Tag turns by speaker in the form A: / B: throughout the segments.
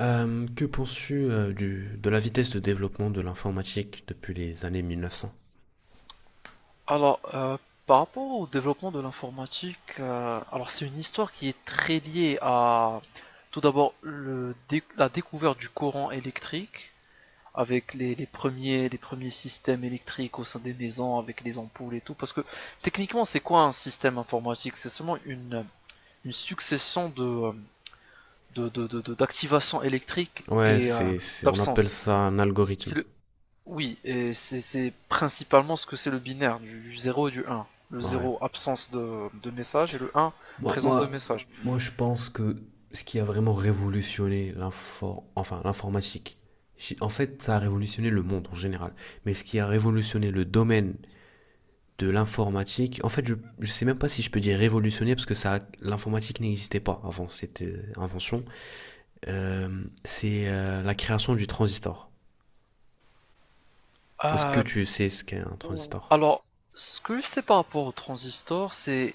A: Que penses-tu de la vitesse de développement de l'informatique depuis les années 1900?
B: Alors, par rapport au développement de l'informatique, alors c'est une histoire qui est très liée à tout d'abord la découverte du courant électrique avec les premiers systèmes électriques au sein des maisons avec les ampoules et tout. Parce que techniquement, c'est quoi un système informatique? C'est seulement une succession d'activations électriques
A: Ouais,
B: et
A: c'est, on appelle
B: d'absence.
A: ça un algorithme.
B: C'est Oui, et c'est principalement ce que c'est le binaire, du 0 et du 1. Le
A: Ouais.
B: zéro absence de message, et le 1
A: Moi,
B: présence de
A: moi,
B: message.
A: moi, je pense que ce qui a vraiment révolutionné l'informatique, en fait, ça a révolutionné le monde en général. Mais ce qui a révolutionné le domaine de l'informatique, en fait, je ne sais même pas si je peux dire révolutionné parce que ça, l'informatique n'existait pas avant cette invention. C'est la création du transistor. Est-ce que
B: Euh,
A: tu sais ce qu'est un transistor?
B: alors, ce que je sais par rapport au transistor, c'est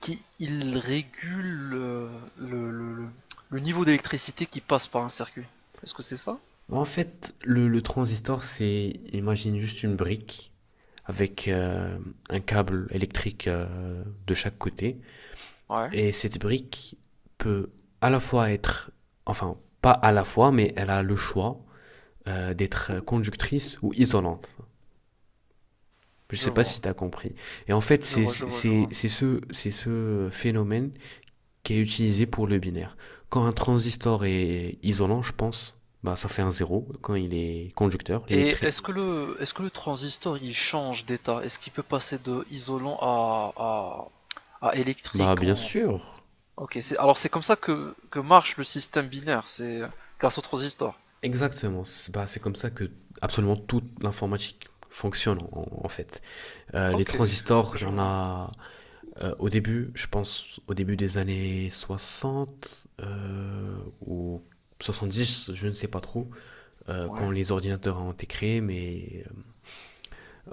B: qu'il régule le, le- le- le niveau d'électricité qui passe par un circuit. Est-ce que c'est ça?
A: En fait, le transistor, imagine juste une brique avec un câble électrique de chaque côté.
B: Ouais,
A: Et cette brique peut à la fois être, enfin, pas à la fois, mais elle a le choix d'être conductrice ou isolante. Je ne
B: je
A: sais pas
B: vois.
A: si tu as compris. Et en fait,
B: Je
A: c'est
B: vois, je vois, je
A: c'est-
B: vois.
A: c'est ce, c'est ce phénomène qui est utilisé pour le binaire. Quand un transistor est isolant, je pense, bah ça fait un zéro. Quand il est conducteur,
B: Et
A: l'électrique,
B: est-ce que le transistor, il change d'état? Est-ce qu'il peut passer de isolant à
A: bah
B: électrique
A: bien
B: en.
A: sûr.
B: Ok, c'est alors c'est comme ça que marche le système binaire, c'est grâce au transistor.
A: Exactement. Bah, c'est comme ça que absolument toute l'informatique fonctionne en fait. Les
B: Ok,
A: transistors, il y
B: je
A: en
B: vois.
A: a au début, je pense au début des années 60 ou dix je ne sais pas trop,
B: Ouais.
A: quand les ordinateurs ont été créés,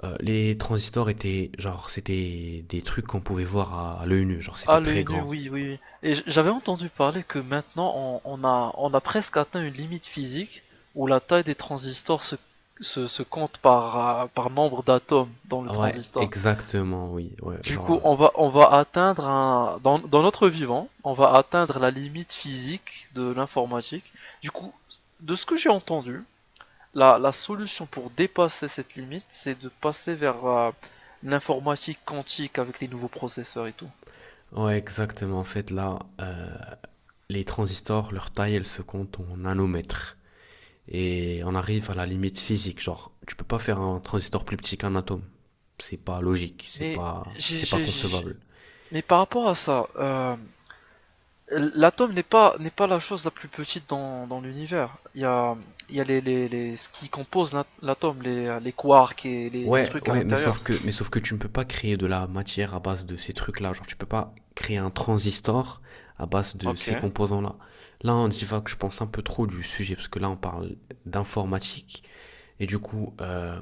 A: Les transistors étaient, genre, c'était des trucs qu'on pouvait voir à l'œil nu, genre, c'était
B: Ah,
A: très
B: l'œil nu,
A: grand.
B: oui, oui. Oui. Et j'avais entendu parler que maintenant on a presque atteint une limite physique où la taille des transistors se compte par, par nombre d'atomes dans le
A: Ah, ouais,
B: transistor.
A: exactement, oui, ouais,
B: Du coup,
A: genre,
B: on va atteindre un, dans notre vivant, on va atteindre la limite physique de l'informatique. Du coup, de ce que j'ai entendu, la solution pour dépasser cette limite, c'est de passer vers l'informatique quantique avec les nouveaux processeurs et tout.
A: ouais, exactement. En fait, là, les transistors, leur taille, elle se compte en nanomètres. Et on arrive à la limite physique, genre, tu peux pas faire un transistor plus petit qu'un atome. C'est pas logique, c'est
B: Mais,
A: pas,
B: j'ai-
A: c'est pas
B: j'ai- j'ai-
A: concevable.
B: mais par rapport à ça, l'atome n'est pas la chose la plus petite dans l'univers. Il y a ce qui compose l'atome, les quarks et les
A: Ouais,
B: trucs à
A: ouais, mais
B: l'intérieur.
A: sauf que, mais sauf que tu ne peux pas créer de la matière à base de ces trucs-là. Genre, tu peux pas créer un transistor à base de
B: Ok,
A: ces composants-là. Là, on divague, je pense, un peu trop du sujet, parce que là, on parle d'informatique. Et du coup,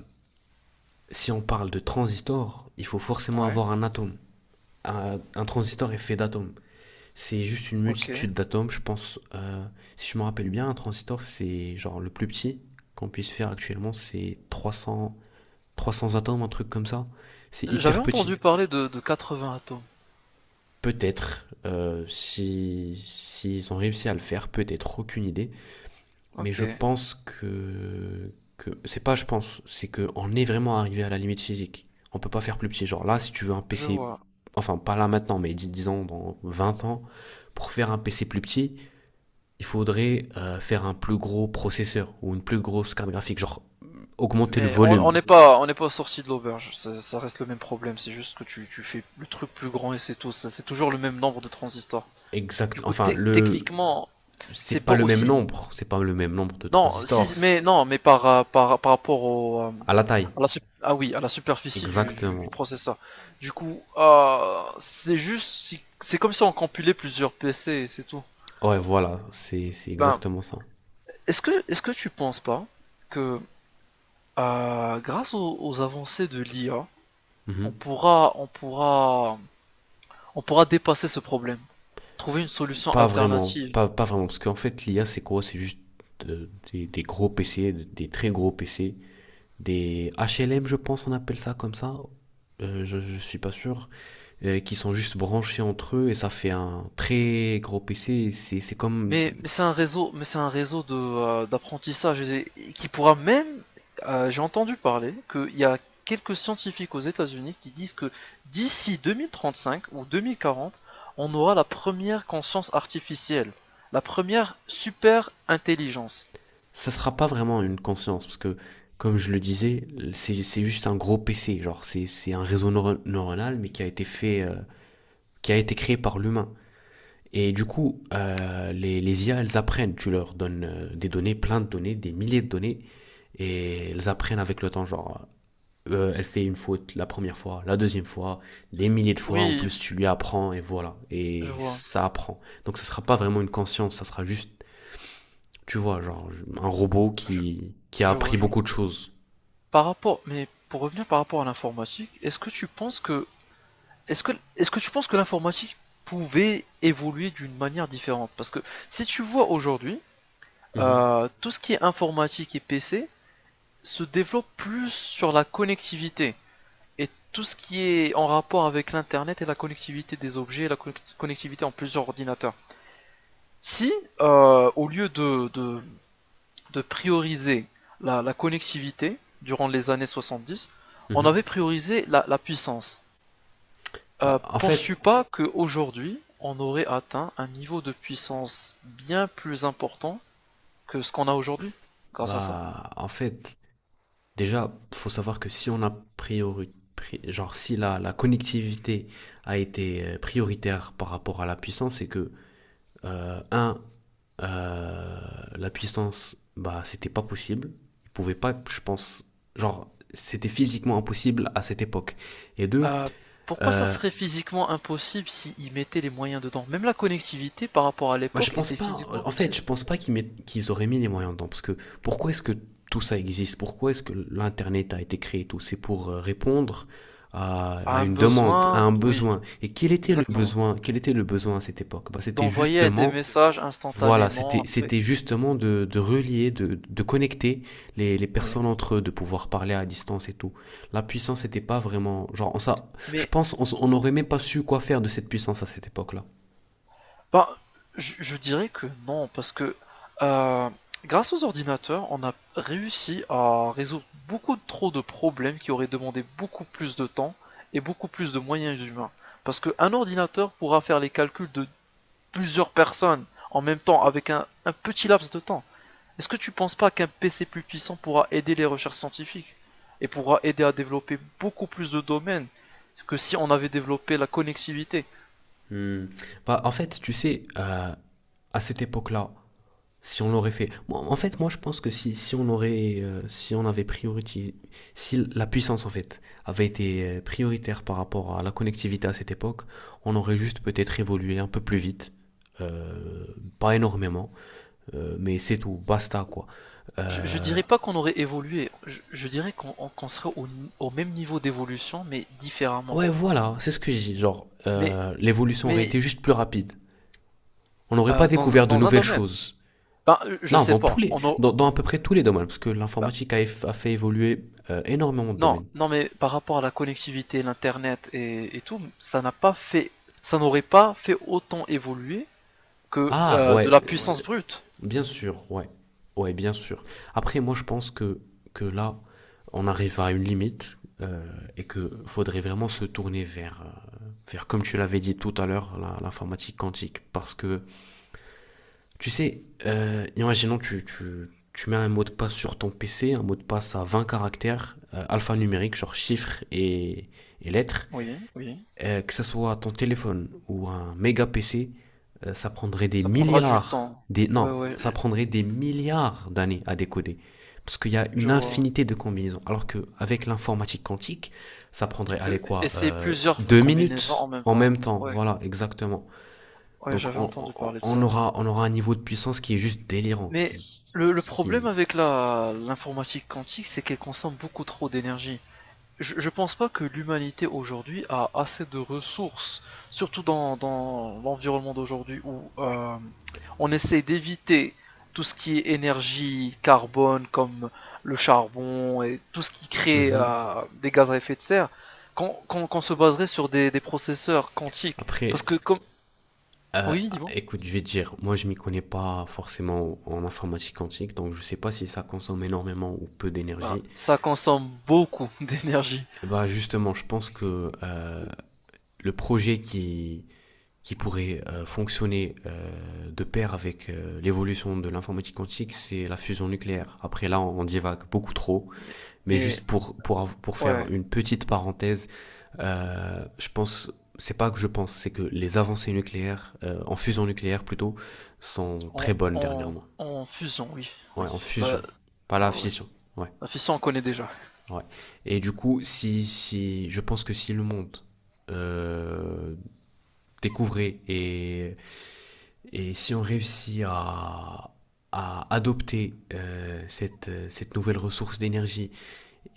A: si on parle de transistor, il faut forcément
B: ouais,
A: avoir un atome. Un transistor est fait d'atomes. C'est juste une
B: ok.
A: multitude d'atomes, je pense. Si je me rappelle bien, un transistor, c'est genre le plus petit qu'on puisse faire actuellement, c'est 300 300 atomes, un truc comme ça. C'est
B: J'avais
A: hyper
B: entendu
A: petit.
B: parler de 80 atomes.
A: Peut-être, si s'ils ont réussi à le faire, peut-être, aucune idée. Mais
B: Ok,
A: je pense que c'est pas je pense, c'est qu'on est vraiment arrivé à la limite physique. On peut pas faire plus petit. Genre là, si tu veux un
B: je
A: PC,
B: vois.
A: enfin pas là maintenant, mais disons dans 20 ans, pour faire un PC plus petit, il faudrait faire un plus gros processeur ou une plus grosse carte graphique, genre augmenter le
B: Mais
A: volume.
B: on n'est pas sorti de l'auberge. Ça reste le même problème. C'est juste que tu fais le truc plus grand et c'est tout. Ça, c'est toujours le même nombre de transistors. Du
A: Exact,
B: coup,
A: enfin,
B: techniquement, c'est pas aussi.
A: c'est pas le même nombre de
B: Non,
A: transistors
B: si, mais non, mais par rapport
A: à la taille.
B: à la, ah oui, à la superficie du
A: Exactement.
B: processeur. Du coup, c'est juste, c'est comme si on compilait plusieurs PC et c'est tout.
A: Ouais, voilà, c'est
B: Ben,
A: exactement ça.
B: est-ce que tu penses pas que grâce aux avancées de l'IA, on
A: Mhm.
B: pourra, on pourra On pourra dépasser ce problème, trouver une solution
A: Pas vraiment,
B: alternative.
A: parce qu'en fait, l'IA, c'est quoi? C'est juste des gros PC, des très gros PC, des HLM, je pense, on appelle ça comme ça. Je suis pas sûr, qui sont juste branchés entre eux et ça fait un très gros PC. C'est comme
B: Mais, c'est un réseau de d'apprentissage et qui pourra même. J'ai entendu parler qu'il y a quelques scientifiques aux États-Unis qui disent que d'ici 2035 ou 2040, on aura la première conscience artificielle, la première super intelligence.
A: ça sera pas vraiment une conscience, parce que, comme je le disais, c'est juste un gros PC, genre c'est un réseau neuronal, mais qui a été fait, qui a été créé par l'humain. Et du coup, les IA, elles apprennent, tu leur donnes des données, plein de données, des milliers de données, et elles apprennent avec le temps, genre, elle fait une faute la première fois, la deuxième fois, des milliers de fois, en
B: Oui,
A: plus tu lui apprends, et voilà,
B: je
A: et
B: vois,
A: ça apprend. Donc ça sera pas vraiment une conscience, ça sera juste tu vois, genre un robot
B: je,
A: qui a
B: je vois,
A: appris
B: je vois.
A: beaucoup de choses.
B: Mais pour revenir par rapport à l'informatique, est-ce que tu penses que l'informatique pouvait évoluer d'une manière différente? Parce que si tu vois aujourd'hui,
A: Mhm,
B: tout ce qui est informatique et PC se développe plus sur la connectivité et tout ce qui est en rapport avec l'Internet et la connectivité des objets, la connectivité en plusieurs ordinateurs. Si, au lieu de prioriser la connectivité durant les années 70, on avait
A: mhm.
B: priorisé la puissance.
A: Bah, en fait,
B: Penses-tu pas qu'aujourd'hui, on aurait atteint un niveau de puissance bien plus important que ce qu'on a aujourd'hui, grâce à ça?
A: bah, en fait, déjà, faut savoir que si on a priori, pri- genre si la connectivité a été prioritaire par rapport à la puissance, c'est que un, euh, la puissance, bah, c'était pas possible. Ils pouvaient pas, je pense, genre c'était physiquement impossible à cette époque. Et deux,
B: Euh, pourquoi ça
A: euh,
B: serait physiquement impossible s'ils mettaient les moyens dedans? Même la connectivité par rapport à
A: moi, je
B: l'époque
A: pense
B: était
A: pas.
B: physiquement
A: En fait,
B: impossible.
A: je pense pas qu'ils auraient mis les moyens dedans. Parce que pourquoi est-ce que tout ça existe? Pourquoi est-ce que l'Internet a été créé et tout? C'est pour répondre à
B: Un
A: une demande, à
B: besoin,
A: un
B: oui,
A: besoin. Et quel était le
B: exactement.
A: besoin? Quel était le besoin à cette époque? Bah, c'était
B: D'envoyer des
A: justement,
B: messages
A: voilà, c'était
B: instantanément, oui.
A: c'était justement de relier, de connecter les
B: Oui.
A: personnes entre eux, de pouvoir parler à distance et tout. La puissance n'était pas vraiment. Genre, on, ça, je
B: Mais
A: pense on, s- on n'aurait même pas su quoi faire de cette puissance à cette époque-là.
B: Ben, je dirais que non, parce que euh, grâce aux ordinateurs, on a réussi à résoudre beaucoup trop de problèmes qui auraient demandé beaucoup plus de temps et beaucoup plus de moyens humains. Parce qu'un ordinateur pourra faire les calculs de plusieurs personnes en même temps avec un petit laps de temps. Est-ce que tu penses pas qu'un PC plus puissant pourra aider les recherches scientifiques et pourra aider à développer beaucoup plus de domaines que si on avait développé la connectivité?
A: Hmm. Bah, en fait, tu sais, à cette époque-là, si on l'aurait fait, moi, je pense que si on avait priorité, si la puissance, en fait, avait été prioritaire par rapport à la connectivité à cette époque, on aurait juste peut-être évolué un peu plus vite, euh, pas énormément, mais c'est tout, basta, quoi.
B: Je
A: Euh,
B: dirais pas qu'on aurait évolué, je dirais qu'on serait au même niveau d'évolution, mais différemment.
A: ouais, voilà, c'est ce que je dis, genre,
B: Mais,
A: l'évolution aurait
B: mais
A: été juste plus rapide. On n'aurait pas
B: euh,
A: découvert de
B: dans un
A: nouvelles
B: domaine,
A: choses.
B: ben, je
A: Non,
B: sais
A: dans tous
B: pas,
A: les,
B: on a.
A: dans, dans à peu près tous les domaines, parce que
B: Ben,
A: l'informatique a fait évoluer énormément de
B: non,
A: domaines.
B: non, mais par rapport à la connectivité, l'Internet et tout, ça n'aurait pas fait autant évoluer que
A: Ah,
B: de
A: ouais,
B: la puissance brute.
A: bien sûr, ouais, ouais, bien sûr. Après, moi, je pense que là, on arrive à une limite et que faudrait vraiment se tourner vers euh, vers comme tu l'avais dit tout à l'heure, l'informatique quantique, parce que tu sais, imaginons tu mets un mot de passe sur ton PC, un mot de passe à 20 caractères, alphanumériques, genre chiffres et lettres.
B: Oui, oui,
A: Que ce soit ton téléphone ou un méga PC, ça prendrait des
B: ça prendra du
A: milliards,
B: temps.
A: des,
B: Ouais,
A: non,
B: ouais,
A: ça prendrait des milliards d'années à décoder. Parce qu'il y a
B: je
A: une
B: vois.
A: infinité de combinaisons. Alors qu'avec l'informatique quantique, ça
B: Il
A: prendrait, allez
B: peut
A: quoi,
B: essayer plusieurs
A: deux
B: combinaisons en
A: minutes
B: même
A: en
B: temps.
A: même temps.
B: Ouais,
A: Voilà, exactement.
B: ouais,
A: Donc
B: j'avais
A: on,
B: entendu
A: on-
B: parler de
A: on
B: ça.
A: aura, on aura un niveau de puissance qui est juste délirant,
B: Mais
A: qui,
B: le problème
A: qui,
B: avec la l'informatique quantique, c'est qu'elle consomme beaucoup trop d'énergie. Je pense pas que l'humanité aujourd'hui a assez de ressources, surtout dans l'environnement d'aujourd'hui où on essaie d'éviter tout ce qui est énergie carbone comme le charbon et tout ce qui crée
A: Mhm.
B: des gaz à effet de serre, qu'on se baserait sur des processeurs quantiques. Parce
A: Après,
B: que comme.
A: Euh,
B: Oui, dis-moi.
A: écoute, je vais te dire, moi je m'y connais pas forcément en informatique quantique, donc je sais pas si ça consomme énormément ou peu
B: Bah,
A: d'énergie.
B: ça consomme beaucoup d'énergie.
A: Et bah justement, je pense que le projet qui pourrait fonctionner de pair avec l'évolution de l'informatique quantique, c'est la fusion nucléaire. Après là, on divague beaucoup trop.
B: Mais,
A: Mais
B: mais
A: juste pour faire
B: Ouais,
A: une petite parenthèse, je pense, c'est pas que je pense, c'est que les avancées nucléaires, en fusion nucléaire plutôt, sont très bonnes dernièrement.
B: en fusion, oui,
A: Ouais,
B: oui.
A: en
B: Là,
A: fusion, pas la
B: ouais, ouais.
A: fission. Ouais,
B: La fission, on connaît déjà.
A: ouais. Et du coup, si, je pense que si le monde euh, découvrait et si on réussit à adopter cette nouvelle ressource d'énergie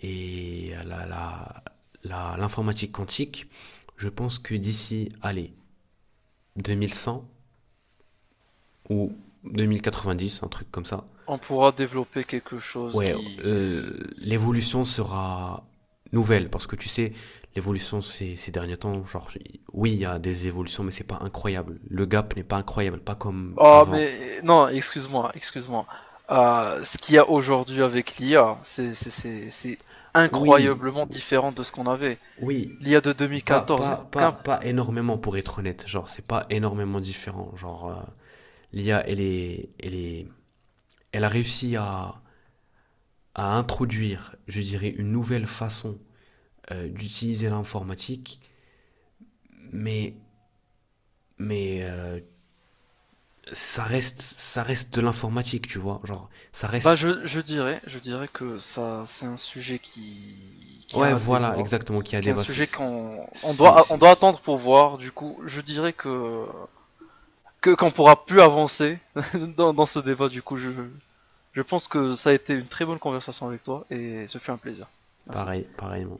A: et la, l'informatique quantique, je pense que d'ici, allez, 2100 ou 2090, un truc comme ça,
B: On pourra développer quelque chose
A: ouais,
B: qui.
A: l'évolution sera nouvelle parce que tu sais, l'évolution ces derniers temps, genre, oui, il y a des évolutions, mais c'est pas incroyable. Le gap n'est pas incroyable, pas comme
B: Oh,
A: avant.
B: mais non, excuse-moi, excuse-moi. Ce qu'il y a aujourd'hui avec l'IA, c'est
A: Oui,
B: incroyablement différent de ce qu'on avait.
A: oui,
B: L'IA de
A: pas,
B: 2014
A: pas,
B: est
A: pas,
B: qu'un.
A: pas énormément pour être honnête. Genre, c'est pas énormément différent. Genre, l'IA, elle a réussi à introduire, je dirais, une nouvelle façon d'utiliser l'informatique, mais, mais ça reste de l'informatique, tu vois. Genre, ça
B: Bah,
A: reste.
B: je dirais que ça, c'est un sujet qui
A: Ouais,
B: a un
A: voilà,
B: débat,
A: exactement, qui a
B: qui est un
A: dépassé.
B: sujet
A: C'est
B: qu'on
A: c'est-
B: on
A: c'est-
B: doit
A: c'est
B: attendre pour voir. Du coup, je dirais que qu'on pourra plus avancer dans ce débat. Du coup, je pense que ça a été une très bonne conversation avec toi et ce fut un plaisir. Merci.
A: pareil, pareillement.